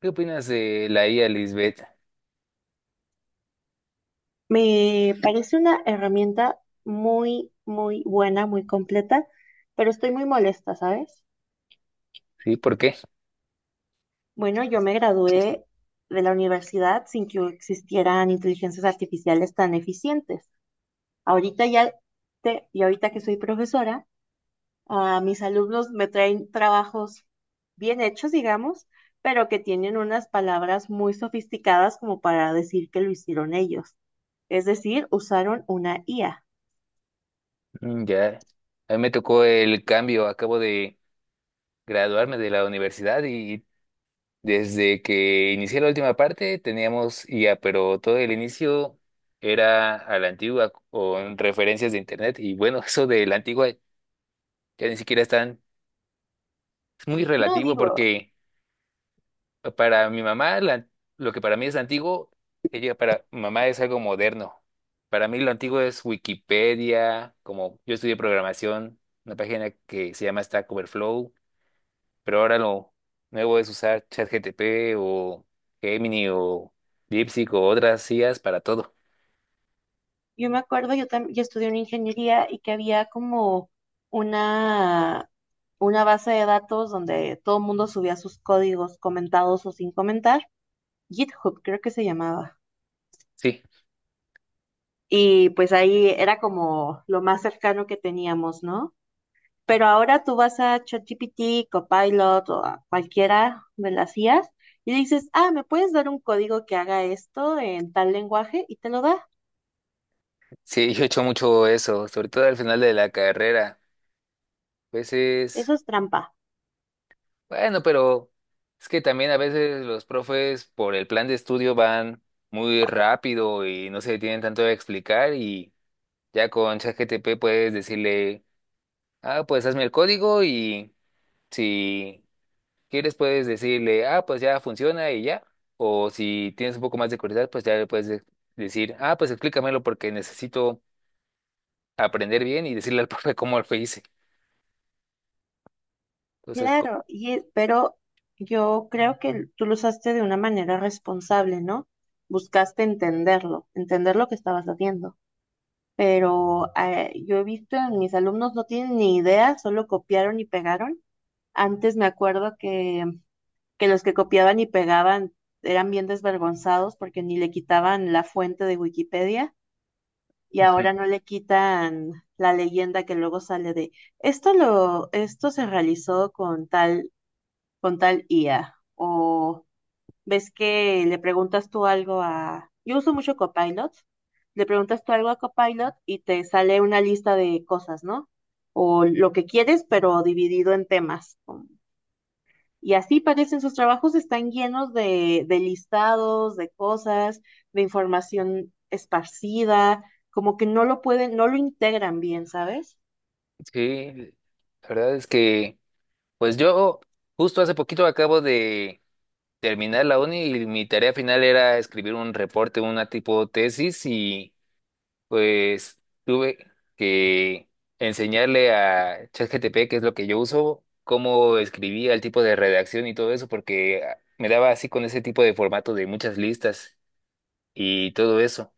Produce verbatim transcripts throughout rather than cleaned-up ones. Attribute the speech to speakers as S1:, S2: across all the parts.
S1: ¿Qué opinas de la I A, Lisbeth?
S2: Me parece una herramienta muy, muy buena, muy completa, pero estoy muy molesta, ¿sabes?
S1: ¿Sí? ¿Por qué?
S2: Bueno, yo me gradué de la universidad sin que existieran inteligencias artificiales tan eficientes. Ahorita ya te- y ahorita que soy profesora, a mis alumnos me traen trabajos bien hechos, digamos, pero que tienen unas palabras muy sofisticadas como para decir que lo hicieron ellos. Es decir, usaron una I A.
S1: Mm, ya, a mí me tocó el cambio, acabo de graduarme de la universidad y desde que inicié la última parte teníamos I A, pero todo el inicio era a la antigua con referencias de internet y bueno, eso de la antigua ya ni siquiera están, es muy
S2: No
S1: relativo
S2: digo.
S1: porque para mi mamá, la- lo que para mí es antiguo, ella para mi mamá es algo moderno. Para mí lo antiguo es Wikipedia, como yo estudié programación, una página que se llama Stack Overflow, pero ahora lo nuevo es usar ChatGTP o Gemini o DeepSeek o otras I As para todo.
S2: Yo me acuerdo, yo, tam- yo estudié una ingeniería y que había como una, una base de datos donde todo el mundo subía sus códigos comentados o sin comentar. GitHub creo que se llamaba.
S1: Sí,
S2: Y pues ahí era como lo más cercano que teníamos, ¿no? Pero ahora tú vas a ChatGPT, Copilot o a cualquiera de las I As y dices, ah, ¿me puedes dar un código que haga esto en tal lenguaje? Y te lo da.
S1: sí, yo he hecho mucho eso, sobre todo al final de la carrera. A
S2: Eso
S1: veces.
S2: es trampa.
S1: Bueno, pero es que también a veces los profes por el plan de estudio van muy rápido y no se detienen tanto a explicar y ya con ChatGPT puedes decirle, ah, pues hazme el código y si quieres puedes decirle, ah, pues ya funciona y ya. O si tienes un poco más de curiosidad, pues ya le puedes de- decir, ah, pues explícamelo porque necesito aprender bien y decirle al profe cómo lo hice. Entonces, co-
S2: Claro, y, e- pero yo creo que tú lo usaste de una manera responsable, ¿no? Buscaste entenderlo, entender lo que estabas haciendo. Pero eh, yo he visto en mis alumnos no tienen ni idea, solo copiaron y pegaron. Antes me acuerdo que, que los que copiaban y pegaban eran bien desvergonzados porque ni le quitaban la fuente de Wikipedia y ahora no le quitan la leyenda que luego sale de esto lo, esto se realizó con tal con tal I A. O ves que le preguntas tú algo a... Yo uso mucho Copilot. Le preguntas tú algo a Copilot y te sale una lista de cosas, ¿no? O lo que quieres, pero dividido en temas. Y así parecen sus trabajos, están llenos de, de listados, de cosas, de información esparcida, como que no lo pueden, no lo integran bien, ¿sabes?
S1: Sí, la verdad es que... Pues yo justo hace poquito acabo de terminar la uni y mi tarea final era escribir un reporte, una tipo tesis y pues tuve que enseñarle a ChatGPT, que es lo que yo uso, cómo escribía el tipo de redacción y todo eso, porque me daba así con ese tipo de formato de muchas listas y todo eso.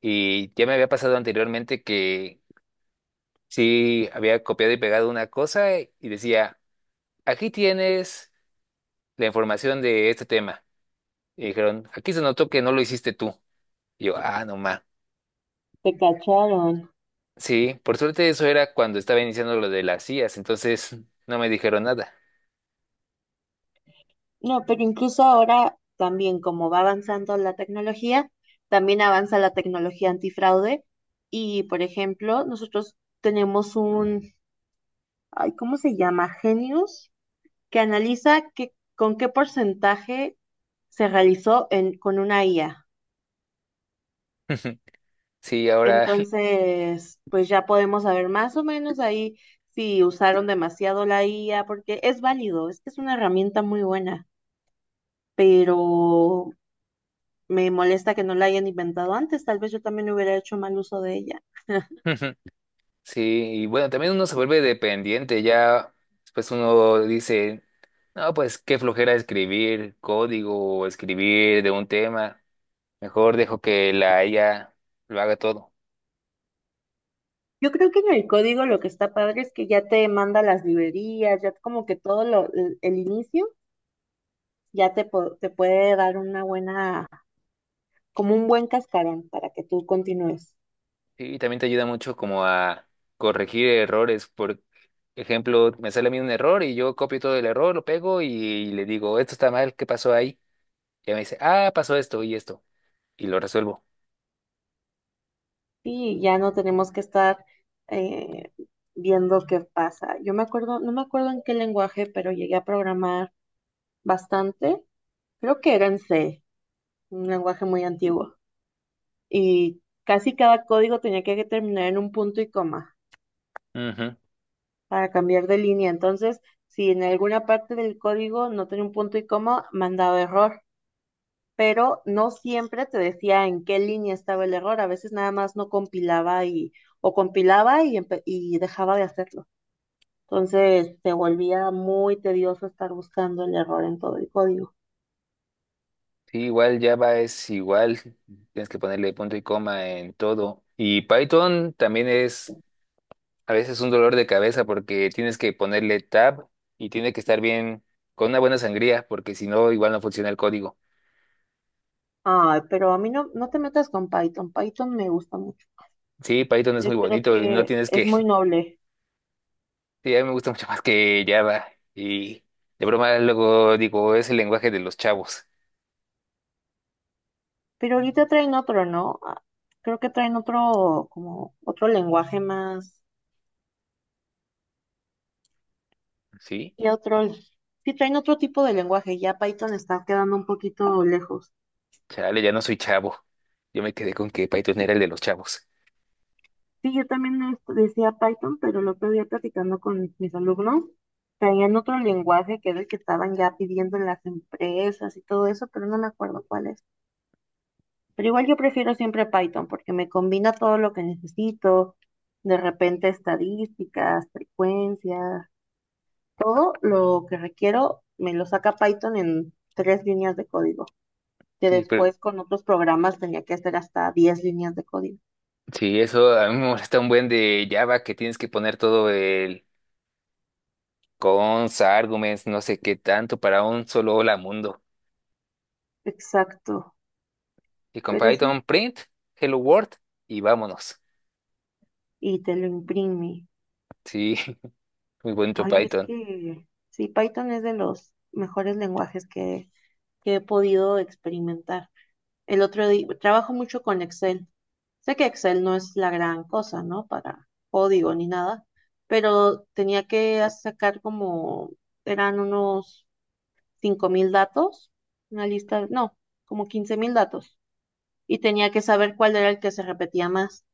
S1: Y ya me había pasado anteriormente que sí había copiado y pegado una cosa y decía, aquí tienes. la información de este tema. Y dijeron, aquí se notó que no lo hiciste tú. Y yo, ah, no ma.
S2: Te cacharon.
S1: Sí, por suerte eso era cuando estaba iniciando lo de las I As, entonces no me dijeron nada.
S2: No, pero incluso ahora también, como va avanzando la tecnología, también avanza la tecnología antifraude. Y, por ejemplo, nosotros tenemos un, ay, ¿cómo se llama? Genius, que analiza que, con qué porcentaje se realizó en, con una I A.
S1: Sí, ahora,
S2: Entonces, pues ya podemos saber más o menos ahí si usaron demasiado la I A, porque es válido, es que es una herramienta muy buena, pero me molesta que no la hayan inventado antes, tal vez yo también hubiera hecho mal uso de ella.
S1: sí, y bueno, también uno se vuelve dependiente, ya pues uno dice, no, pues qué flojera escribir código o escribir de un tema, mejor dejo que la I A lo haga todo.
S2: Yo creo que en el código lo que está padre es que ya te manda las librerías, ya como que todo lo, el, el inicio ya te, po- te puede dar una buena, como un buen cascarón para que tú continúes.
S1: Sí, y también te ayuda mucho como a corregir errores. Por ejemplo, me sale a mí un error y yo copio todo el error, lo pego y le digo, esto está mal, ¿qué pasó ahí? Y ella me dice, ah, pasó esto y esto. Y lo resuelvo.
S2: Y ya no tenemos que estar eh, viendo qué pasa. Yo me acuerdo, no me acuerdo en qué lenguaje, pero llegué a programar bastante. Creo que era en C, un lenguaje muy antiguo. Y casi cada código tenía que terminar en un punto y coma
S1: Ujú.
S2: para cambiar de línea. Entonces, si en alguna parte del código no tenía un punto y coma, mandaba error, pero no siempre te decía en qué línea estaba el error. A veces nada más no compilaba y o compilaba y, empe- y dejaba de hacerlo. Entonces, se volvía muy tedioso estar buscando el error en todo el código.
S1: Sí, igual Java es igual. Tienes que ponerle punto y coma en todo. Y Python también es a veces un dolor de cabeza porque tienes que ponerle tab y tiene que estar bien con una buena sangría porque si no, igual no funciona el código.
S2: Ay, pero a mí no, no te metas con Python. Python me gusta mucho.
S1: Sí, Python es muy
S2: Yo creo
S1: bonito y no
S2: que
S1: tienes
S2: es
S1: que
S2: muy noble.
S1: Sí, a mí me gusta mucho más que Java. Y de broma luego digo, es el lenguaje de los chavos.
S2: Pero ahorita traen otro, ¿no? Ah, creo que traen otro, como otro lenguaje más
S1: Sí,
S2: y otro, sí traen otro tipo de lenguaje. Ya Python está quedando un poquito lejos.
S1: chale, ya no soy chavo. Yo me quedé con que Python era el de los chavos.
S2: Sí, yo también es- decía Python, pero el otro día platicando con mis alumnos, traían otro lenguaje que era el que estaban ya pidiendo en las empresas y todo eso, pero no me acuerdo cuál es. Pero igual yo prefiero siempre Python porque me combina todo lo que necesito, de repente estadísticas, frecuencias. Todo lo que requiero me lo saca Python en tres líneas de código, que
S1: Sí, pero
S2: después con otros programas tenía que hacer hasta diez líneas de código.
S1: sí, eso a mí me molesta un buen de Java que tienes que poner todo el cons, arguments, no sé qué tanto para un solo hola mundo.
S2: Exacto,
S1: Y con
S2: pero sí,
S1: Python print, hello world y vámonos.
S2: y te lo imprime.
S1: Sí, muy bonito
S2: Ay, es
S1: Python.
S2: que sí, Python es de los mejores lenguajes que, que he podido experimentar. El otro día, trabajo mucho con Excel. Sé que Excel no es la gran cosa, ¿no? Para código ni nada, pero tenía que sacar como, eran unos cinco mil datos, una lista, no, como quince mil datos, y tenía que saber cuál era el que se repetía más,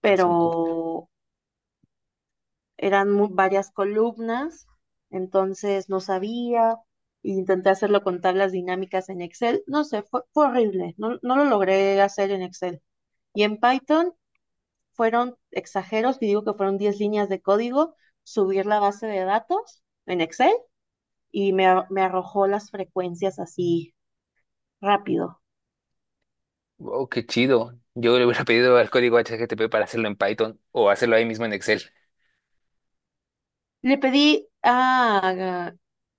S2: pero eran mu- varias columnas, entonces no sabía, intenté hacerlo con tablas dinámicas en Excel, no sé, fue, fue horrible, no, no lo logré hacer en Excel. Y en Python fueron exageros, y digo que fueron diez líneas de código, subir la base de datos en Excel y me, a- me arrojó las frecuencias así rápido.
S1: Wow, qué chido. Yo le hubiera pedido al código H T T P para hacerlo en Python o hacerlo ahí mismo en Excel.
S2: Le pedí a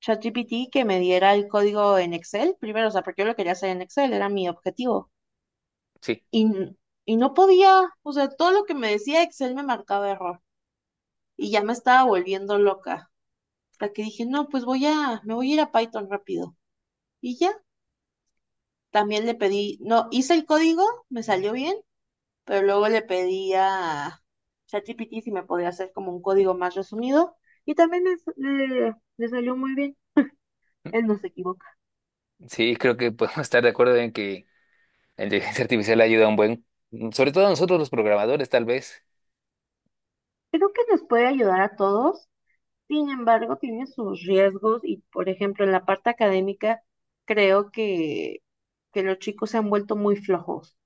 S2: ChatGPT que me diera el código en Excel primero, o sea, porque yo lo quería hacer en Excel, era mi objetivo.
S1: Sí,
S2: Y, n- y no podía, o sea, todo lo que me decía Excel me marcaba error y ya me estaba volviendo loca. Hasta que dije, no, pues voy a, me voy a ir a Python rápido. Y ya, también le pedí, no, hice el código, me salió bien, pero luego le pedí a ChatGPT si me podía hacer como un código más resumido y también le, le le salió muy bien. Él no se equivocó.
S1: sí, creo que podemos estar de acuerdo en que la inteligencia artificial ayuda un buen, mm, sobre todo a nosotros los programadores, tal vez.
S2: Creo que nos puede ayudar a todos, sin embargo, tiene sus riesgos y, por ejemplo, en la parte académica, creo que, que los chicos se han vuelto muy flojos.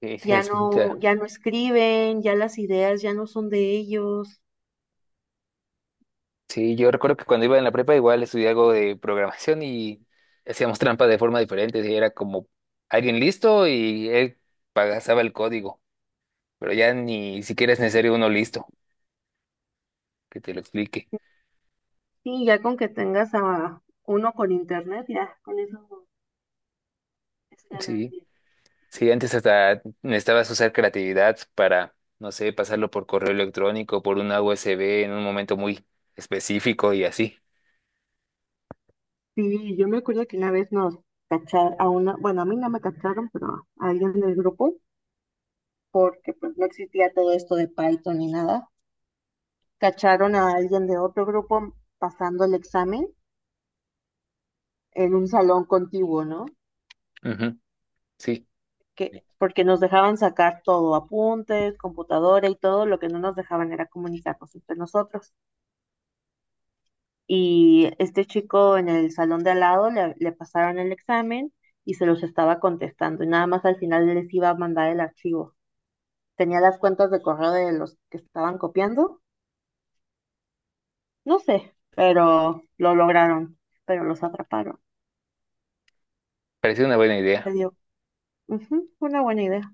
S1: Sí,
S2: Ya
S1: es- ya.
S2: no, ya no escriben, ya las ideas ya no son de ellos.
S1: Sí, yo recuerdo que cuando iba en la prepa igual estudié algo de programación y hacíamos trampa de forma diferente. Sí, era como alguien listo y él pasaba el código, pero ya ni siquiera es necesario uno listo que te lo explique.
S2: Sí, ya con que tengas a uno con internet, ya con eso es
S1: Sí.
S2: ganancia.
S1: Sí, antes hasta necesitabas usar creatividad para, no sé, pasarlo por correo electrónico, por una U S B en un momento muy específico y así.
S2: Sí, yo me acuerdo que una vez nos cacharon a una, bueno, a mí no me cacharon, pero a alguien del grupo, porque pues no existía todo esto de Python ni nada. Cacharon a alguien de otro grupo pasando el examen en un salón contiguo, ¿no?
S1: Ujú, sí,
S2: Que, porque nos dejaban sacar todo, apuntes, computadora y todo, lo que no nos dejaban era comunicarnos entre nosotros. Y este chico en el salón de al lado le, le pasaron el examen y se los estaba contestando y nada más al final les iba a mandar el archivo. Tenía las cuentas de correo de los que estaban copiando, no sé, pero lo lograron, pero los atraparon.
S1: parecía una buena
S2: Se
S1: idea.
S2: dio. Ujú, una buena idea.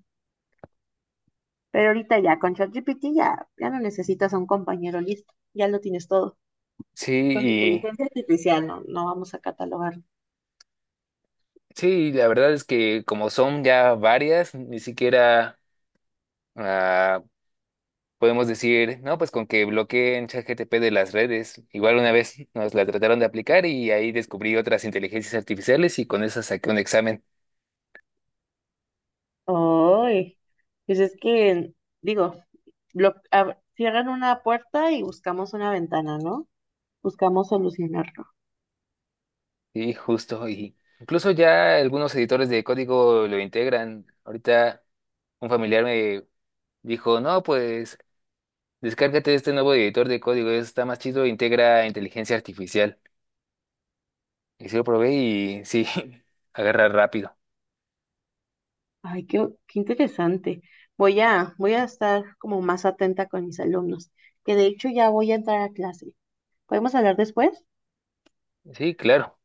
S2: Pero ahorita ya con ChatGPT ya, ya no necesitas a un compañero listo, ya lo tienes todo.
S1: Sí,
S2: Con la
S1: y
S2: inteligencia artificial no, no vamos a catalogar.
S1: sí, la verdad es que como son ya varias, ni siquiera ah, podemos decir, no, pues con que bloqueen ChatGPT de las redes. Igual una vez nos la trataron de aplicar y ahí descubrí otras inteligencias artificiales y con esas saqué un examen.
S2: Ay, pues es que, digo, lo, ab- cierran una puerta y buscamos una ventana, ¿no? Buscamos solucionarlo.
S1: Sí, justo. Y incluso ya algunos editores de código lo integran. Ahorita un familiar me dijo, no, pues descárgate este nuevo editor de código, está más chido, integra inteligencia artificial. Y sí lo probé y sí, agarra rápido.
S2: Ay, qué, qué interesante. Voy a, voy a estar como más atenta con mis alumnos, que de hecho ya voy a entrar a clase. ¿Podemos hablar después?
S1: Sí, claro.